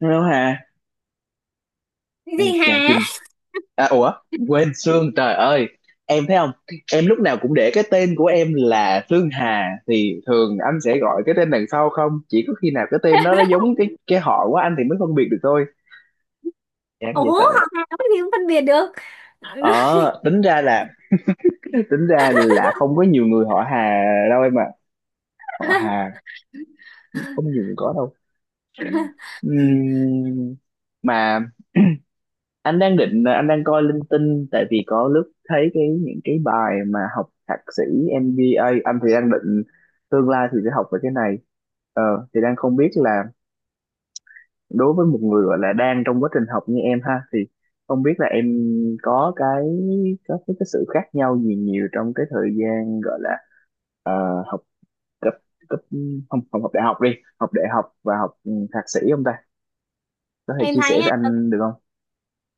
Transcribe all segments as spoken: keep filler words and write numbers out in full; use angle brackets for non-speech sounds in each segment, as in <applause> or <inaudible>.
Hello Hà, Cái ai gì chà hả. Trinh, à, ủa quên Sương trời ơi, em thấy không? Em lúc nào cũng để cái tên của em là Sương Hà thì thường anh sẽ gọi cái tên đằng sau không? Chỉ có khi nào cái tên nó nó <laughs> giống cái cái họ của anh thì mới phân biệt được thôi. Chán Ủa, dễ sợ. học Hàn nói gì cũng phân biệt được. Ờ, tính ra là tính ra là không có nhiều người họ Hà đâu em ạ. Họ Hà <laughs> không nhiều người có đâu. Ừm, mà anh đang định à, anh đang coi linh tinh tại vì có lúc thấy cái những cái bài mà học thạc sĩ em bê a, anh thì đang định tương lai thì sẽ học về cái này, ờ, thì đang không biết là đối với một người gọi là đang trong quá trình học như em ha thì không biết là em có cái có cái, cái sự khác nhau gì nhiều trong cái thời gian gọi là ờ, học cấp cấp không không học đại học đi, học đại học và học ừ, thạc sĩ không ta, có thể Em chia sẻ thấy nha, với đầu, anh được không.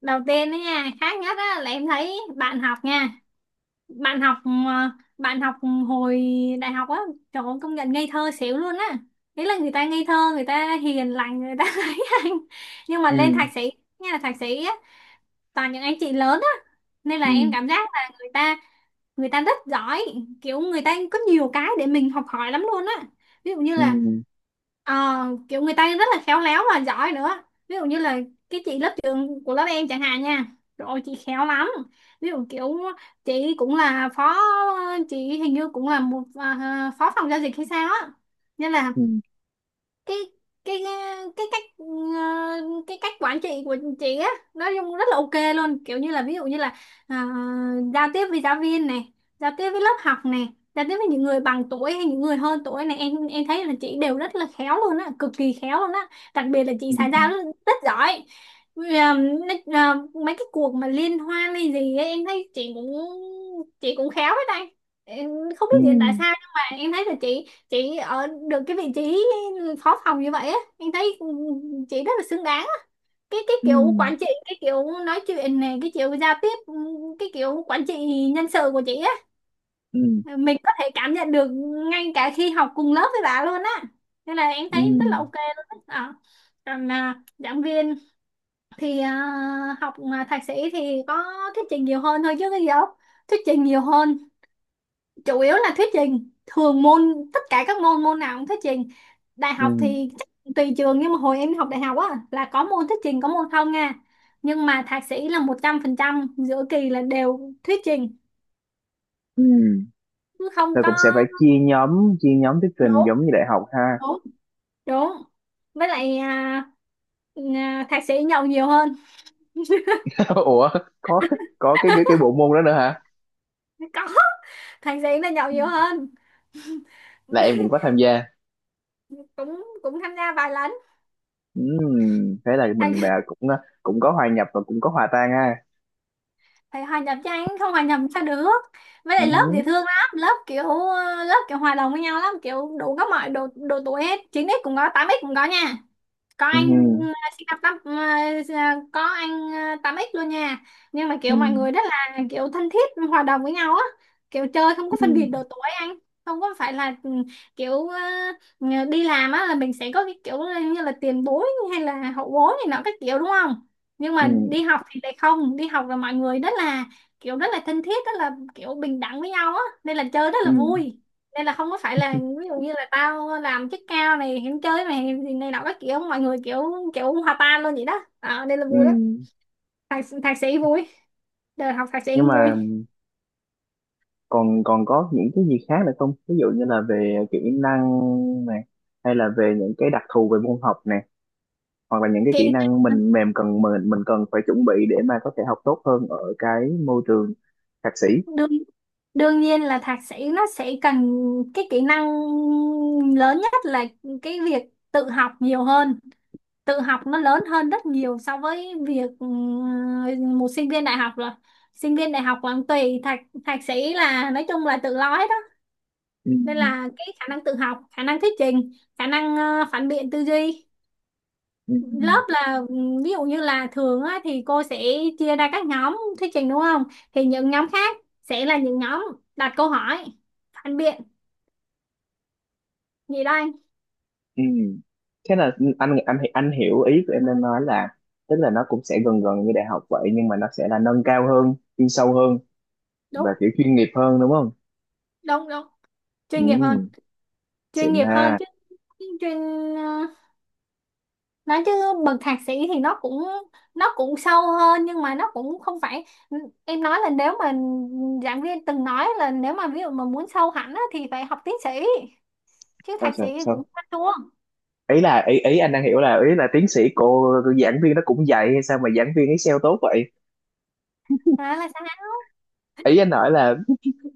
đầu tiên đó nha, khác nhất á là em thấy bạn học nha, bạn học ờ, bạn học hồi đại học á. Trời ơi, công nhận ngây thơ xỉu luôn á. Đấy là người ta ngây thơ, người ta hiền lành, người ta <laughs> ấy anh. Nhưng mà Ừ lên thạc sĩ, nghe là thạc sĩ á, toàn những anh chị lớn á, nên ừ là em cảm giác là người ta người ta rất giỏi, kiểu người ta có nhiều cái để mình học hỏi lắm luôn á. Ví dụ như ừ là ờ, kiểu người ta rất là khéo léo và giỏi nữa. Ví dụ như là cái chị lớp trưởng của lớp em chẳng hạn nha, rồi chị khéo lắm. Ví dụ kiểu chị cũng là phó chị hình như cũng là một à, phó phòng giao dịch hay sao á. Nên là ừ, cái cái cái cách ờ, cái cách quản trị của chị á nói chung rất là ok luôn, kiểu như là ví dụ như là à, giao tiếp với giáo viên này, giao tiếp với lớp học này, giao tiếp với những người bằng tuổi hay những người hơn tuổi này, em em thấy là chị đều rất là khéo luôn á, cực kỳ khéo luôn á. Đặc biệt là chị ừ. xã giao rất, rất giỏi. Vì à, nói- à, mấy cái cuộc mà liên hoan hay gì ấy, em thấy chị cũng chị cũng khéo hết đây. Em không biết hiện tại Ừm, sao, nhưng mà em thấy là chị chị ở được cái vị trí phó phòng như vậy á, em thấy chị rất là xứng đáng á. cái cái kiểu ừm, quản trị, cái kiểu nói chuyện này, cái kiểu giao tiếp, cái kiểu quản trị nhân sự của chị á, ừm, mình có thể cảm nhận được ngay cả khi học cùng lớp với bà luôn á, nên là em thấy rất ừm, là ok luôn á. Ờ. Còn à, giảng viên thì à, học mà thạc sĩ thì có thuyết trình nhiều hơn thôi chứ cái gì đâu, thuyết trình nhiều hơn, chủ yếu là thuyết trình thường môn, tất cả các môn, môn nào cũng thuyết trình. Đại học ừm, thì chắc tùy trường, nhưng mà hồi em học đại học á là có môn thuyết trình có môn không nha. Nhưng mà thạc sĩ là một trăm phần trăm giữa kỳ là đều thuyết trình, ừm. chứ không Rồi cũng sẽ phải có. chia nhóm, chia nhóm thuyết trình Đúng, giống như đại học ha. đúng, đúng. Với lại à, à, thạc sĩ nhậu nhiều hơn. <laughs> ủa, có có cái cái cái bộ môn đó nữa hả? Có, thạc sĩ là nhậu Ừ, nhiều hơn. là em cũng <laughs> có tham gia. cũng cũng tham gia vài lần. Ừm, thế là thạc mình à, cũng à, cũng có hòa nhập và cũng có hòa tan ha. Phải hòa nhập cho anh, không hòa nhập sao được. Với lại lớp Ừm, dễ thương lắm, lớp kiểu ờ, lớp kiểu hòa đồng với nhau lắm, kiểu đủ các mọi độ độ tuổi hết, chín x cũng có, tám x cũng có nha. có anh ừm, sinh năm tám ờ, có anh ờ, tám x luôn nha. Nhưng mà kiểu mọi ừm, người rất là kiểu thân thiết, hòa đồng với nhau á, kiểu chơi không có phân biệt ừm, độ tuổi anh, không có phải là ừ, kiểu ờ, ờ, đi làm á là mình sẽ có cái kiểu ờ, như là tiền bối hay là hậu bối này nọ các kiểu đúng không. Nhưng mà ừm, đi học thì lại không, đi học là mọi người rất là kiểu, rất là thân thiết, rất là kiểu bình đẳng với nhau á, nên là chơi rất là ừm, vui. Nên là không có phải là ví dụ như là tao làm chức cao này hẹn chơi mày thì này nọ các kiểu, mọi người kiểu kiểu hòa tan luôn vậy đó, à, nên là vui lắm. ừm. Thạc, thạc sĩ vui, đời học thạc sĩ Nhưng cũng mà, vui. còn còn có những cái gì khác nữa không, ví dụ như là về kỹ năng này, hay là về những cái đặc thù về môn học này, hoặc là những cái kỹ kỹ năng mình mềm cần, mình mình cần phải chuẩn bị để mà có thể học tốt hơn ở cái môi trường thạc sĩ. đương Đương nhiên là thạc sĩ nó sẽ cần cái kỹ năng lớn nhất là cái việc tự học nhiều hơn. Tự học nó lớn hơn rất nhiều so với việc ừ, một sinh viên đại học rồi. Sinh viên đại học còn tùy, thạc thạc sĩ là nói chung là tự lo hết. Ừ. Nên là cái khả năng tự học, khả năng thuyết trình, khả năng ờ, phản biện tư duy. Ừ. Lớp là ừm, ví dụ như là thường á, thì cô sẽ chia ra các nhóm thuyết trình đúng không, thì những nhóm khác sẽ là những nhóm đặt câu hỏi phản biện gì đó anh. Ừ. Thế là anh anh anh hiểu ý của em đang nói là tức là nó cũng sẽ gần gần như đại học vậy, nhưng mà nó sẽ là nâng cao hơn, chuyên sâu hơn Đúng, và kiểu chuyên nghiệp hơn đúng không. đúng, đúng. Chuyên nghiệp hơn, Ừ. chuyên Xịn nghiệp ha. hơn chứ. chuyên ờ, nói chứ bậc thạc sĩ thì nó cũng, nó cũng sâu hơn, nhưng mà nó cũng không phải. Em nói là nếu mà, giảng viên từng nói là nếu mà ví dụ mà muốn sâu hẳn á, thì phải học tiến sĩ, chứ Sao thạc sĩ sao thì cũng sao, hoa chuông. ý là ý ý anh đang hiểu là, ý là tiến sĩ, cô giảng viên nó cũng dạy hay sao mà giảng viên ấy sale tốt vậy. Đó là sao. Ý anh nói là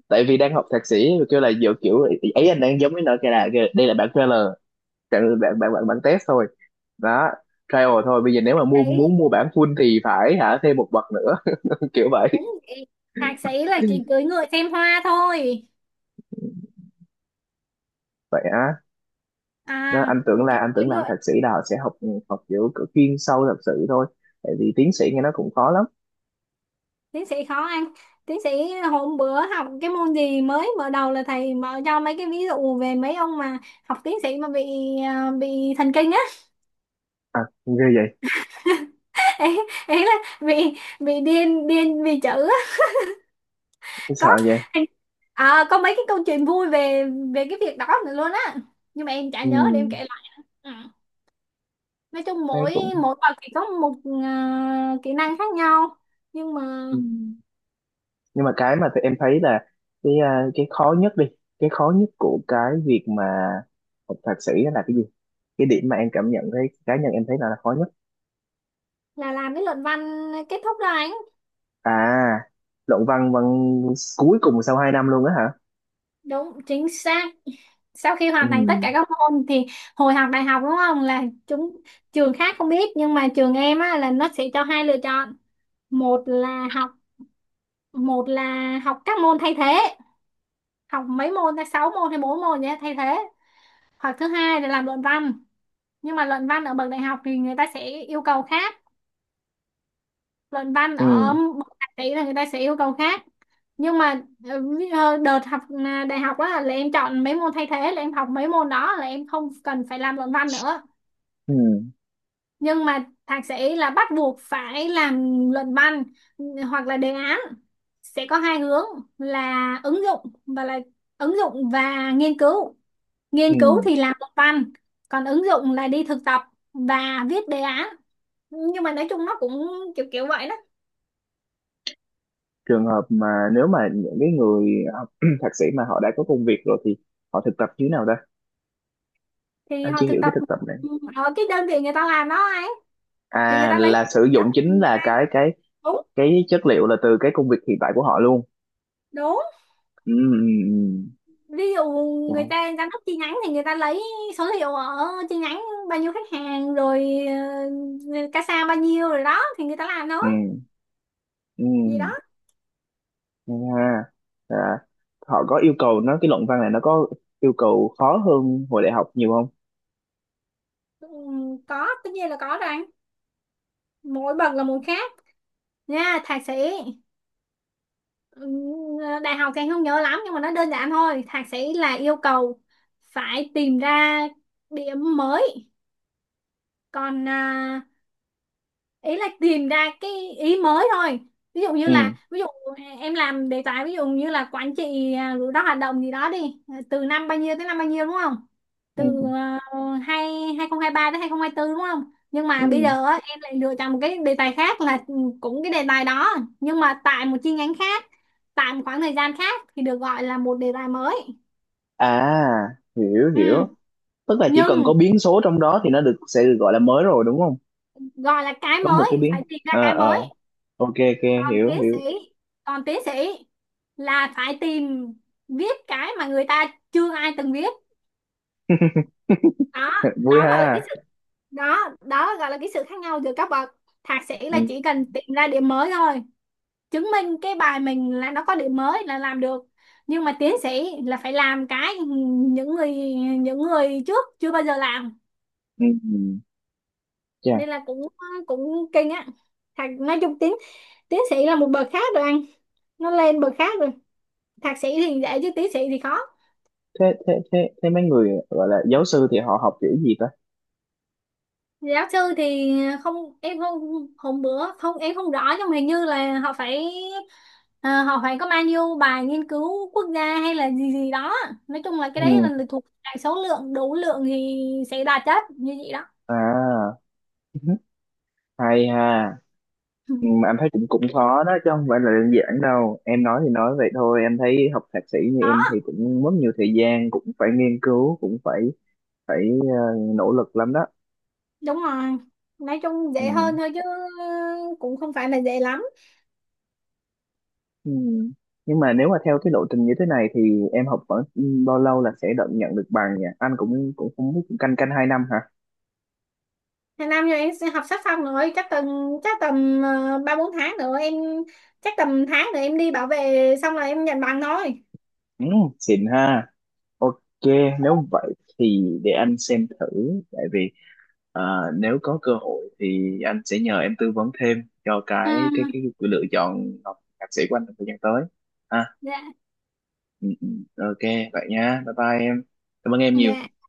tại vì đang học thạc sĩ rồi kêu là dựa kiểu ấy, anh đang giống với nợ cái là kìa, đây là bản trailer, bản bản bản, bản, test thôi đó, trial thôi. Bây giờ nếu mà mua, Đấy. muốn mua bản full thì phải hả thêm một bậc nữa. <laughs> kiểu vậy. Đúng vậy, thạc sĩ là chỉ cưỡi ngựa xem hoa thôi. Vậy á? Đó, À, anh tưởng là, anh cưỡi tưởng làm ngựa. thạc sĩ là họ sẽ học, học kiểu kiểu chuyên sâu thật sự thôi, tại vì tiến sĩ nghe nó cũng khó lắm. Tiến sĩ khó ăn, tiến sĩ. Hôm bữa học cái môn gì, mới mở đầu là thầy mở cho mấy cái ví dụ về mấy ông mà học tiến sĩ mà bị à, bị thần kinh á. À, ghê vậy. <laughs> ý, Ý là bị bị điên điên vì chữ á. Sợ Có, vậy. à, có mấy cái câu chuyện vui về về cái việc đó nữa luôn á, nhưng mà em chả Ừ, nhớ để em kể lại. Ừ. Nói chung thấy mỗi cũng. mỗi bậc thì có một à, kỹ năng khác nhau, nhưng mà Ừ. Nhưng mà cái mà tụi em thấy là, cái à, cái khó nhất đi, cái khó nhất của cái việc mà học thạc sĩ đó là cái gì, cái điểm mà em cảm nhận thấy, cá nhân em thấy là, là khó nhất. là làm cái luận văn kết thúc đó anh. À, luận văn văn cuối cùng sau hai năm luôn á hả? Đúng, chính xác. Sau khi Ừ hoàn thành tất cả các môn thì, hồi học đại học đúng không là chúng trường khác không biết nhưng mà trường em á, là nó sẽ cho hai lựa chọn. một là học Một là học các môn thay thế, học mấy môn ta, sáu môn hay bốn môn nhé thay thế, hoặc thứ hai là làm luận văn. Nhưng mà luận văn ở bậc đại học thì người ta sẽ yêu cầu khác, luận văn ừ ở một tạp chí là người ta sẽ yêu cầu khác. Nhưng mà ờ, ví- ờ, đợt học à, đại học á là em chọn mấy môn thay thế, là em học mấy môn đó là em không cần phải làm luận văn nữa. ừ Nhưng mà thạc sĩ là bắt buộc phải làm luận văn. ừ, Hoặc là đề án, sẽ có hai hướng là ứng dụng và là ứng dụng và nghiên cứu. ừ. Nghiên cứu thì làm luận văn, còn ứng dụng là đi thực tập và viết đề án. Nhưng mà nói chung nó cũng kiểu kiểu vậy đó. Trường hợp mà nếu mà những cái người học <clears throat> thạc sĩ mà họ đã có công việc rồi thì họ thực tập như thế nào ta? Thì Anh họ chưa thực hiểu cái tập thực tập này. ở cái đơn vị người ta làm đó ấy. Thì người À, ta lấy là sử Đó dụng thì chính người là ta. Cái cái đúng, cái chất liệu là từ cái công việc hiện tại của họ luôn. đúng. Ừ ừ ừ. Ví dụ Dạ. người ta giám đốc chi nhánh thì người ta lấy số liệu ở chi nhánh, bao nhiêu khách hàng rồi, uh, casa bao nhiêu rồi, đó thì người ta làm Ừ. thôi Ừ. gì đó. Hay ha. Dạ. Họ có yêu cầu nó, cái luận văn này nó có yêu cầu khó hơn hồi đại học nhiều không? Ừ, có, tất nhiên là có rồi anh, mỗi bậc là một khác nha. Thạc sĩ, ừ, đại học thì anh không nhớ lắm nhưng mà nó đơn giản thôi, thạc sĩ là yêu cầu phải tìm ra điểm mới. Còn à, ý là tìm ra cái ý mới thôi. Ví dụ như là, Ừ. ví dụ em làm đề tài ví dụ như là quản trị à, rủi ro hoạt động gì đó đi. À, từ năm bao nhiêu tới năm bao nhiêu đúng không. Ừ. Từ uh, hai 2023 tới hai không hai tư đúng không. Nhưng Ừ. mà bây giờ á, em lại lựa chọn một cái đề tài khác là ừ, cũng cái đề tài đó, nhưng mà tại một chi nhánh khác, tại một khoảng thời gian khác, thì được gọi là một đề tài mới. À, hiểu Ừ. hiểu. Tức là chỉ cần Nhưng có biến số trong đó thì nó được, sẽ được gọi là mới rồi đúng không? gọi là cái Có một mới cái phải biến. tìm ra Ờ cái ờ. mới. Ok ok, còn hiểu tiến sĩ hiểu. Còn tiến sĩ là phải tìm viết cái mà người ta chưa ai từng viết. Đó <laughs> Vui đó gọi là cái ha. sự Đó đó gọi là cái sự khác nhau giữa các bậc. Thạc sĩ Ừ. là chỉ cần tìm ra điểm mới thôi, chứng minh cái bài mình là nó có điểm mới là làm được. Nhưng mà tiến sĩ là phải làm cái những người những người trước chưa bao giờ làm. Ừ. Ừ. Chà, Nên là cũng cũng kinh á. Thạc, nói chung tiến Tiến sĩ là một bậc khác rồi anh, nó lên bậc khác rồi. Thạc sĩ thì dễ chứ tiến sĩ thì khó. thế thế thế thế mấy người gọi là giáo sư thì họ học kiểu gì ta? Giáo sư thì không em không hôm bữa không em không rõ, nhưng mà hình như là họ phải, ờ, họ phải có bao nhiêu bài nghiên cứu quốc gia hay là gì gì đó. Nói chung là cái Ừ. đấy là thuộc đại số lượng, đủ lượng thì sẽ đa chất như vậy đó. <laughs> À, <laughs> hay ha. Ừ. Ừ, mà em thấy cũng cũng khó đó chứ không phải là đơn giản đâu, em nói thì nói vậy thôi, em thấy học thạc sĩ như em Đó. thì cũng mất nhiều thời gian, cũng phải nghiên cứu, cũng phải phải ờ, nỗ lực lắm đó. Đúng rồi, nói chung dễ Ừ. hơn thôi chứ cũng không phải là dễ lắm. Ừ. Nhưng mà nếu mà theo cái lộ trình như thế này thì em học khoảng bao lâu là sẽ được, nhận được bằng nhỉ, anh cũng cũng không biết, cũng canh canh hai năm hả? Hàng năm rồi em sẽ học sắp xong rồi, chắc tầm chắc tầm ờ, ba bốn tháng nữa em, chắc tầm tháng nữa em đi bảo vệ xong rồi em nhận bằng thôi. Ừ, xịn ha. Ok, nếu vậy thì để anh xem thử, tại vì à, nếu có cơ hội thì anh sẽ nhờ em tư vấn thêm cho cái cái cái, Ừ. cái lựa chọn học thạc sĩ của anh trong thời gian tới. À, Dạ, ừ, ừ, ok, vậy nha, bye bye em, cảm ơn em nhiều. dạ.